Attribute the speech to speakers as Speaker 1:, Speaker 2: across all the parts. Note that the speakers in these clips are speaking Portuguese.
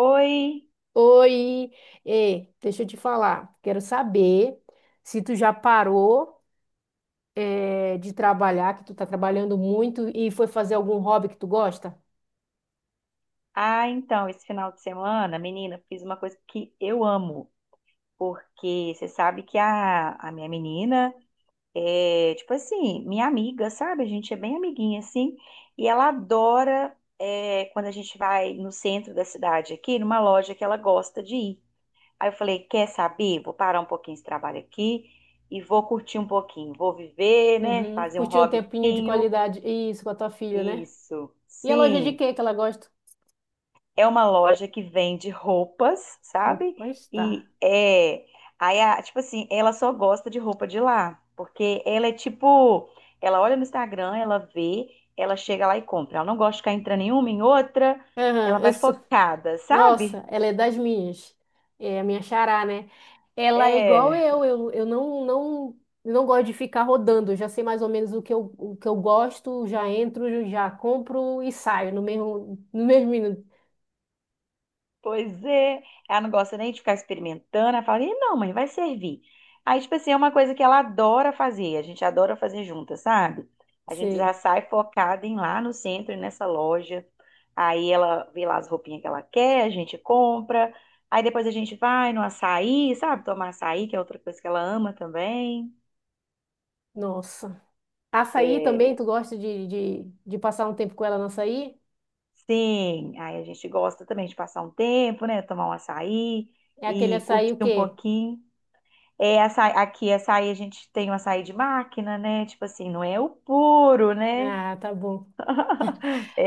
Speaker 1: Oi!
Speaker 2: Oi. Ei, deixa eu te falar. Quero saber se tu já parou, de trabalhar, que tu tá trabalhando muito e foi fazer algum hobby que tu gosta?
Speaker 1: Ah, então, esse final de semana, menina, fiz uma coisa que eu amo, porque você sabe que a minha menina é, tipo assim, minha amiga, sabe? A gente é bem amiguinha, assim, e ela adora é, quando a gente vai no centro da cidade aqui, numa loja que ela gosta de ir. Aí eu falei, quer saber? Vou parar um pouquinho esse trabalho aqui e vou curtir um pouquinho, vou viver, né?
Speaker 2: Uhum.
Speaker 1: Fazer um
Speaker 2: Curtir um tempinho de
Speaker 1: hobbyzinho.
Speaker 2: qualidade. Isso, com a tua filha, né?
Speaker 1: Isso,
Speaker 2: E a loja de
Speaker 1: sim.
Speaker 2: quê que ela gosta?
Speaker 1: É uma loja que vende roupas, sabe?
Speaker 2: Roupa
Speaker 1: E
Speaker 2: está.
Speaker 1: é. Aí, tipo assim, ela só gosta de roupa de lá. Porque ela é tipo. Ela olha no Instagram, ela vê, ela chega lá e compra. Ela não gosta de ficar entrando em uma, em outra. Ela
Speaker 2: Aham, eu
Speaker 1: vai
Speaker 2: sou.
Speaker 1: focada, sabe?
Speaker 2: Nossa, ela é das minhas. É a minha xará, né? Ela é igual
Speaker 1: É.
Speaker 2: eu, eu não, não, eu não gosto de ficar rodando, eu já sei mais ou menos o que eu gosto, já entro, já compro e saio no mesmo, no mesmo minuto.
Speaker 1: Pois é, ela não gosta nem de ficar experimentando. Ela fala, "Ih, não, mãe, vai servir." Aí, tipo assim, é uma coisa que ela adora fazer, a gente adora fazer juntas, sabe? A gente já
Speaker 2: Sei.
Speaker 1: sai focada em ir lá no centro, nessa loja. Aí ela vê lá as roupinhas que ela quer, a gente compra. Aí depois a gente vai no açaí, sabe? Tomar açaí, que é outra coisa que ela ama também.
Speaker 2: Nossa. Açaí também, tu gosta de passar um tempo com ela no açaí?
Speaker 1: Sim, aí a gente gosta também de passar um tempo, né? Tomar um açaí
Speaker 2: É aquele
Speaker 1: e
Speaker 2: açaí
Speaker 1: curtir
Speaker 2: o
Speaker 1: um
Speaker 2: quê?
Speaker 1: pouquinho. É açaí, aqui açaí a gente tem o açaí de máquina, né? Tipo assim, não é o puro, né?
Speaker 2: Ah, tá bom.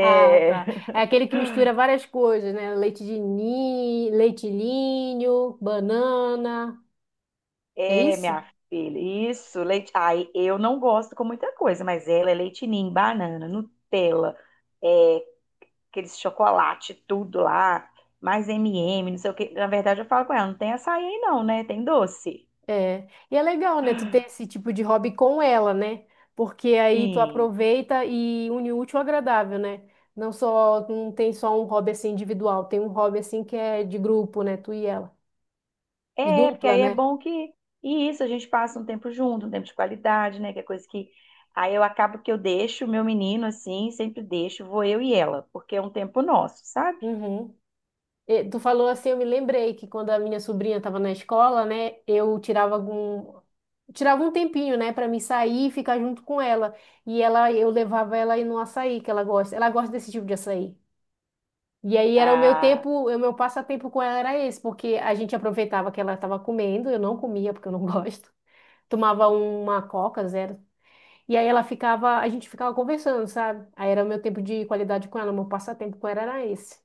Speaker 2: Ah, tá. É aquele que mistura várias coisas, né? Leite de ninho, leite ninho, banana. É
Speaker 1: é
Speaker 2: isso?
Speaker 1: minha filha, isso, leite. Ai, eu não gosto com muita coisa, mas ela é leite ninho, banana, Nutella, é, aqueles chocolate, tudo lá, mais M&M, não sei o que. Na verdade, eu falo com ela, não tem açaí aí não, né? Tem doce.
Speaker 2: É. E é legal, né? Tu ter esse tipo de hobby com ela, né? Porque aí tu
Speaker 1: Sim.
Speaker 2: aproveita e une o útil ao agradável, né? Não só, não tem só um hobby assim individual, tem um hobby assim que é de grupo, né? Tu e ela. De
Speaker 1: É, porque
Speaker 2: dupla,
Speaker 1: aí é
Speaker 2: né?
Speaker 1: bom que. E isso, a gente passa um tempo junto, um tempo de qualidade, né? Que é coisa que. Aí eu acabo que eu deixo o meu menino assim, sempre deixo, vou eu e ela, porque é um tempo nosso, sabe?
Speaker 2: Uhum. E tu falou assim, eu me lembrei que quando a minha sobrinha estava na escola, né? Eu tirava algum. Tirava um tempinho, né, para mim sair e ficar junto com ela. E ela, eu levava ela aí no açaí que ela gosta. Ela gosta desse tipo de açaí. E aí era o meu
Speaker 1: Ah,
Speaker 2: tempo, o meu passatempo com ela era esse, porque a gente aproveitava que ela estava comendo, eu não comia porque eu não gosto. Tomava uma Coca zero. E aí ela ficava, a gente ficava conversando, sabe? Aí era o meu tempo de qualidade com ela, o meu passatempo com ela era esse.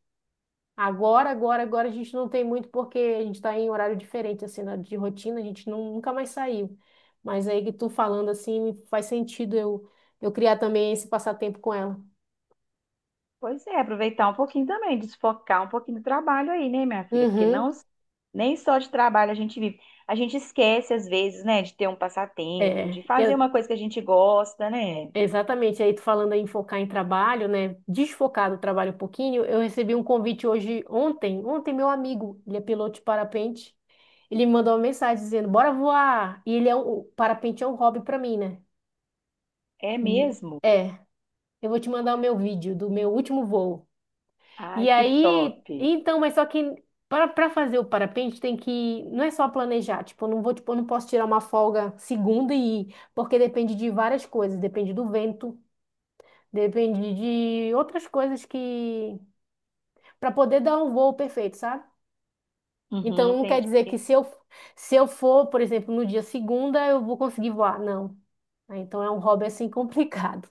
Speaker 2: Agora a gente não tem muito porque a gente está em horário diferente, assim, na- de rotina, a gente não, nunca mais saiu. Mas aí que tu falando assim, faz sentido eu criar também esse passatempo com ela.
Speaker 1: pois é, aproveitar um pouquinho também, desfocar um pouquinho do trabalho aí, né, minha filha? Porque
Speaker 2: Uhum.
Speaker 1: não, nem só de trabalho a gente vive. A gente esquece, às vezes, né, de ter um passatempo,
Speaker 2: É,
Speaker 1: de fazer uma
Speaker 2: eu,
Speaker 1: coisa que a gente gosta, né?
Speaker 2: Exatamente, aí tu falando em focar em trabalho, né? Desfocar do trabalho um pouquinho, eu recebi um convite hoje, ontem, ontem meu amigo, ele é piloto de parapente, ele me mandou uma mensagem dizendo, bora voar, e ele é um, o parapente é um hobby pra mim, né?
Speaker 1: É
Speaker 2: E,
Speaker 1: mesmo?
Speaker 2: é, eu vou te mandar o meu vídeo do meu último voo.
Speaker 1: Ai,
Speaker 2: E
Speaker 1: que top.
Speaker 2: aí, então, mas só que para fazer o parapente tem que, não é só planejar, tipo, eu não vou, tipo, eu não posso tirar uma folga segunda e ir, porque depende de várias coisas, depende do vento, depende de outras coisas que para poder dar um voo perfeito, sabe?
Speaker 1: Uhum,
Speaker 2: Então não quer dizer que
Speaker 1: entendi.
Speaker 2: se eu for, por exemplo, no dia segunda, eu vou conseguir voar, não. Ah, então é um hobby assim complicado.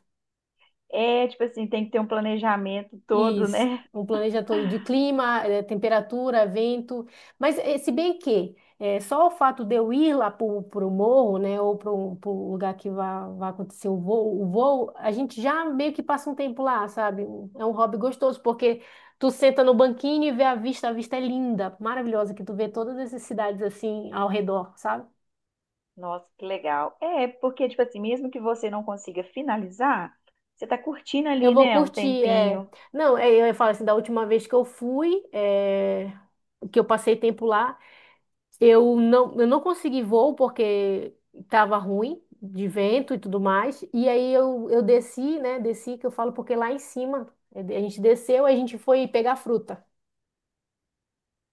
Speaker 1: É, tipo assim, tem que ter um planejamento todo,
Speaker 2: Isso,
Speaker 1: né?
Speaker 2: um planeta todo de clima, temperatura, vento. Mas se bem que só o fato de eu ir lá pro, pro morro, né, ou pro, pro lugar que vai, vai acontecer o voo, a gente já meio que passa um tempo lá, sabe? É um hobby gostoso, porque tu senta no banquinho e vê a vista é linda, maravilhosa, que tu vê todas essas cidades assim ao redor, sabe?
Speaker 1: Nossa, que legal. É, porque, tipo assim, mesmo que você não consiga finalizar, você tá curtindo
Speaker 2: Eu
Speaker 1: ali,
Speaker 2: vou
Speaker 1: né? Um
Speaker 2: curtir, é...
Speaker 1: tempinho.
Speaker 2: Não, é, eu falo assim, da última vez que eu fui, é, que eu passei tempo lá, eu não consegui voo porque estava ruim de vento e tudo mais. E aí eu desci, né? Desci, que eu falo, porque lá em cima a gente desceu, a gente foi pegar fruta.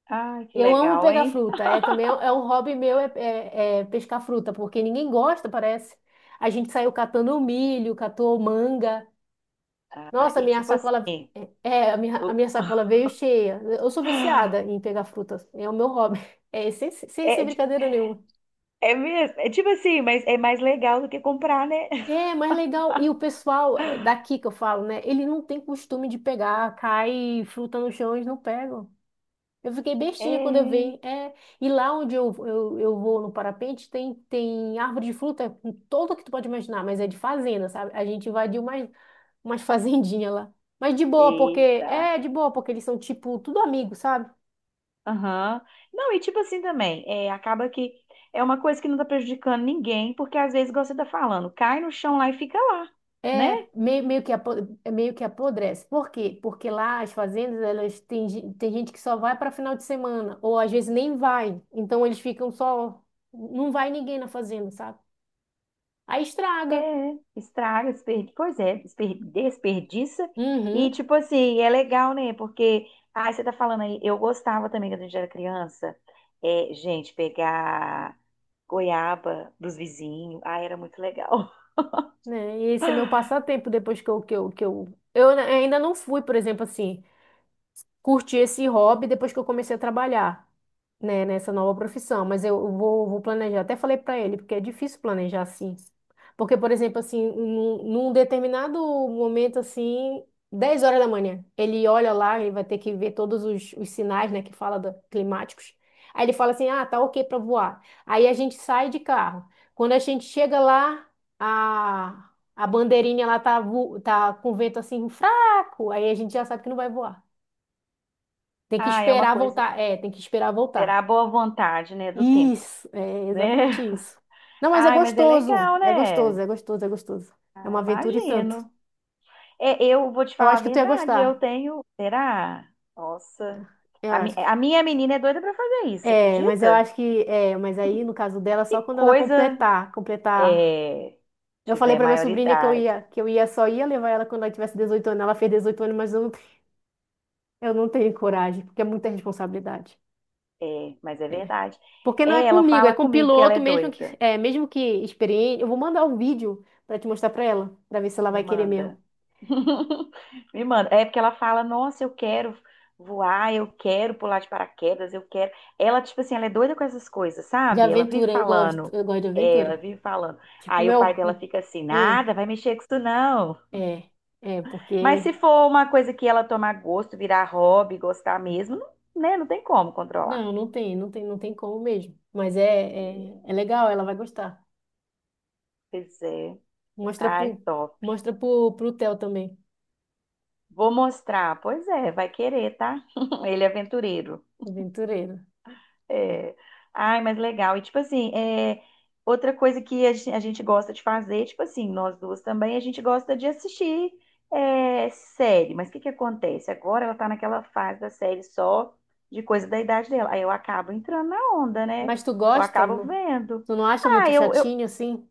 Speaker 1: Ai, que
Speaker 2: Eu amo
Speaker 1: legal,
Speaker 2: pegar
Speaker 1: hein?
Speaker 2: fruta. É também é um hobby meu, é pescar fruta, porque ninguém gosta, parece. A gente saiu catando milho, catou manga.
Speaker 1: Ah,
Speaker 2: Nossa,
Speaker 1: e
Speaker 2: minha
Speaker 1: tipo
Speaker 2: sacola.
Speaker 1: assim,
Speaker 2: É, é, a
Speaker 1: o-
Speaker 2: minha sacola veio cheia. Eu sou viciada em pegar frutas. É o meu hobby. É, sem
Speaker 1: é,
Speaker 2: brincadeira nenhuma.
Speaker 1: é mesmo, é tipo assim, mas é mais legal do que comprar, né?
Speaker 2: É, mas é legal. E o pessoal daqui que eu falo, né? Ele não tem costume de pegar, cai fruta no chão, eles não pegam. Eu fiquei bestinha quando eu
Speaker 1: É.
Speaker 2: vi. É, e lá onde eu vou no parapente, tem, tem árvore de fruta com todo que tu pode imaginar, mas é de fazenda, sabe? A gente invadiu umas, umas fazendinhas lá. Mas de boa, porque.
Speaker 1: Eita.
Speaker 2: É, de boa, porque eles são tipo tudo amigos, sabe?
Speaker 1: Aham. Não, e tipo assim também, é, acaba que é uma coisa que não tá prejudicando ninguém, porque às vezes, igual você tá falando, cai no chão lá e fica lá, né?
Speaker 2: É meio, meio que apo- é meio que apodrece. Por quê? Porque lá as fazendas, elas têm, gen- tem gente que só vai para final de semana, ou às vezes nem vai. Então eles ficam só. Não vai ninguém na fazenda, sabe? Aí estraga.
Speaker 1: É, estraga, desperdiça. E,
Speaker 2: Uhum.
Speaker 1: tipo assim, é legal, né? Porque, ah, você tá falando aí, eu gostava também quando a gente era criança, é, gente, pegar goiaba dos vizinhos, ah, era muito legal.
Speaker 2: Né? E esse é meu passatempo depois que eu ainda não fui, por exemplo, assim. Curti esse hobby depois que eu comecei a trabalhar, né, nessa nova profissão. Mas eu vou, vou planejar. Até falei para ele, porque é difícil planejar assim. Porque, por exemplo, assim, num determinado momento, assim, 10 horas da manhã, ele olha lá, ele vai ter que ver todos os sinais, né, que fala da- climáticos. Aí ele fala assim: ah, tá ok para voar. Aí a gente sai de carro. Quando a gente chega lá, a, a bandeirinha lá tá, vo- tá com vento assim fraco, aí a gente já sabe que não vai voar. Tem que
Speaker 1: Ah, é uma
Speaker 2: esperar
Speaker 1: coisa,
Speaker 2: voltar. É, tem que esperar
Speaker 1: terá a
Speaker 2: voltar.
Speaker 1: boa vontade, né, do tempo,
Speaker 2: Isso, é
Speaker 1: né?
Speaker 2: exatamente isso. Não, mas é
Speaker 1: Ai, mas é
Speaker 2: gostoso.
Speaker 1: legal,
Speaker 2: É gostoso,
Speaker 1: né?
Speaker 2: é gostoso, é gostoso. É
Speaker 1: Ah,
Speaker 2: uma aventura e tanto.
Speaker 1: imagino. É, eu vou te
Speaker 2: Eu
Speaker 1: falar a
Speaker 2: acho que tu ia
Speaker 1: verdade, eu
Speaker 2: gostar.
Speaker 1: tenho, será? Nossa,
Speaker 2: Eu
Speaker 1: a,
Speaker 2: acho que.
Speaker 1: a minha menina é doida pra fazer isso, você
Speaker 2: É, mas eu
Speaker 1: acredita?
Speaker 2: acho que. É, mas aí, no caso dela,
Speaker 1: Que
Speaker 2: só quando ela
Speaker 1: coisa
Speaker 2: completar. Completar.
Speaker 1: é,
Speaker 2: Eu falei
Speaker 1: tiver
Speaker 2: pra minha sobrinha que
Speaker 1: maioridade.
Speaker 2: eu ia só ia levar ela quando ela tivesse 18 anos. Ela fez 18 anos, mas eu não tenho coragem, porque é muita responsabilidade.
Speaker 1: É, mas é
Speaker 2: É.
Speaker 1: verdade.
Speaker 2: Porque não é
Speaker 1: É, ela
Speaker 2: comigo, é
Speaker 1: fala
Speaker 2: com o
Speaker 1: comigo que ela é
Speaker 2: piloto,
Speaker 1: doida.
Speaker 2: mesmo que experiente. Eu vou mandar o vídeo pra te mostrar pra ela, pra ver se ela
Speaker 1: Me
Speaker 2: vai querer mesmo.
Speaker 1: manda. Me manda. É porque ela fala, nossa, eu quero voar, eu quero pular de paraquedas, eu quero. Ela, tipo assim, ela é doida com essas coisas,
Speaker 2: De
Speaker 1: sabe? Ela vive
Speaker 2: aventura, eu gosto.
Speaker 1: falando.
Speaker 2: Eu gosto de
Speaker 1: É, ela
Speaker 2: aventura.
Speaker 1: vive falando.
Speaker 2: Tipo,
Speaker 1: Aí o pai
Speaker 2: meu.
Speaker 1: dela fica assim,
Speaker 2: Hum.
Speaker 1: nada, vai mexer com isso não.
Speaker 2: É,
Speaker 1: Mas se
Speaker 2: porque.
Speaker 1: for uma coisa que ela tomar gosto, virar hobby, gostar mesmo, não, né? Não tem como controlar.
Speaker 2: Não, não tem como mesmo. Mas é, é legal, ela vai gostar.
Speaker 1: Pois é.
Speaker 2: Mostra
Speaker 1: Ai,
Speaker 2: pro,
Speaker 1: top.
Speaker 2: pro Theo também,
Speaker 1: Vou mostrar. Pois é, vai querer, tá? Ele é aventureiro.
Speaker 2: aventureiro.
Speaker 1: É. Ai, mas legal. E tipo assim, é... outra coisa que a gente gosta de fazer, tipo assim, nós duas também, a gente gosta de assistir é, série. Mas o que que acontece? Agora ela tá naquela fase da série só de coisa da idade dela. Aí eu acabo entrando na onda, né?
Speaker 2: Mas tu
Speaker 1: Eu
Speaker 2: gosta,
Speaker 1: acabo
Speaker 2: amor?
Speaker 1: vendo.
Speaker 2: Tu não acha
Speaker 1: Ah,
Speaker 2: muito
Speaker 1: eu...
Speaker 2: chatinho assim?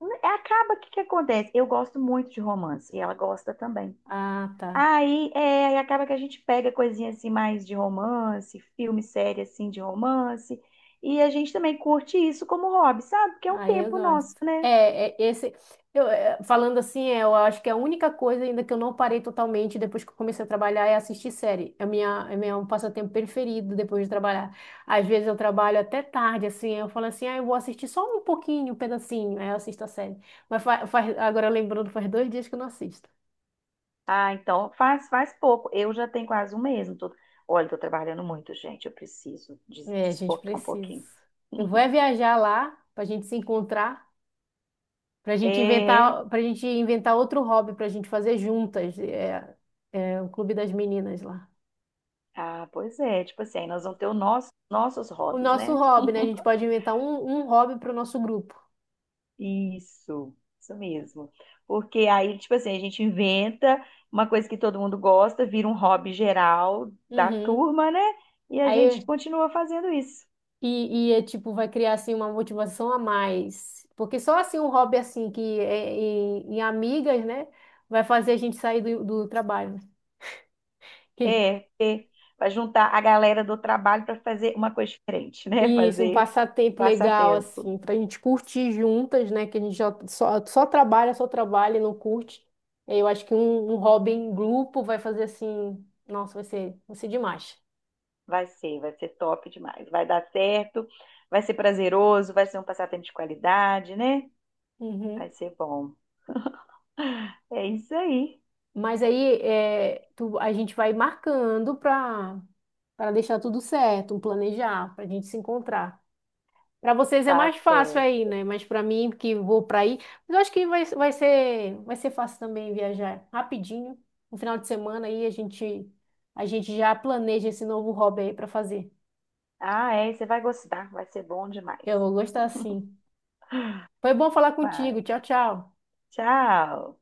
Speaker 1: né, acaba, o que que acontece? Eu gosto muito de romance e ela gosta também.
Speaker 2: Ah, tá.
Speaker 1: Aí, é, aí acaba que a gente pega coisinha assim mais de romance, filme, série assim de romance, e a gente também curte isso como hobby, sabe? Porque é um
Speaker 2: Aí eu
Speaker 1: tempo nosso,
Speaker 2: gosto.
Speaker 1: né?
Speaker 2: Falando assim, eu acho que a única coisa ainda que eu não parei totalmente depois que eu comecei a trabalhar é assistir série. É minha, é meu passatempo preferido depois de trabalhar. Às vezes eu trabalho até tarde, assim, eu falo assim, ah, eu vou assistir só um pouquinho, um pedacinho, aí eu assisto a série. Mas faz, agora lembrando, faz 2 dias que eu não assisto.
Speaker 1: Ah, então faz pouco. Eu já tenho quase um mês. Não tô... Olha, tô trabalhando muito, gente. Eu preciso
Speaker 2: É, a gente
Speaker 1: desfocar um
Speaker 2: precisa.
Speaker 1: pouquinho.
Speaker 2: Eu vou é viajar lá pra gente se encontrar.
Speaker 1: É.
Speaker 2: Pra gente inventar outro hobby pra gente fazer juntas. É, é o Clube das Meninas lá.
Speaker 1: Ah, pois é. Tipo assim, aí nós vamos ter os nossos
Speaker 2: O
Speaker 1: hobbies,
Speaker 2: nosso
Speaker 1: né?
Speaker 2: hobby, né? A gente pode inventar um, um hobby pro nosso grupo.
Speaker 1: Isso, isso mesmo. Porque aí, tipo assim, a gente inventa uma coisa que todo mundo gosta, vira um hobby geral da
Speaker 2: Uhum.
Speaker 1: turma, né? E a gente
Speaker 2: Aí,
Speaker 1: continua fazendo isso.
Speaker 2: e é tipo, vai criar assim uma motivação a mais. Porque só assim um hobby assim que em amigas, né? Vai fazer a gente sair do, do trabalho.
Speaker 1: É, é para juntar a galera do trabalho para fazer uma coisa diferente, né?
Speaker 2: Isso, um
Speaker 1: Fazer
Speaker 2: passatempo legal,
Speaker 1: passatempo.
Speaker 2: assim, pra gente curtir juntas, né? Que a gente já só, só trabalha e não curte. Eu acho que um hobby em grupo vai fazer assim, nossa, vai ser demais.
Speaker 1: Vai ser top demais. Vai dar certo, vai ser prazeroso, vai ser um passatempo de qualidade, né? Vai
Speaker 2: Uhum.
Speaker 1: ser bom. É isso aí,
Speaker 2: Mas aí é, tu- a gente vai marcando pra para deixar tudo certo, um planejar, pra gente se encontrar. Para vocês é
Speaker 1: tá
Speaker 2: mais fácil aí,
Speaker 1: certo.
Speaker 2: né? Mas para mim, que vou para aí, mas eu acho que vai, vai ser fácil também viajar rapidinho. No final de semana aí a gente já planeja esse novo hobby aí para fazer.
Speaker 1: Ah, é, você vai gostar, vai ser bom demais.
Speaker 2: Eu vou gostar sim. Foi bom falar contigo.
Speaker 1: Vai,
Speaker 2: Tchau, tchau.
Speaker 1: tchau.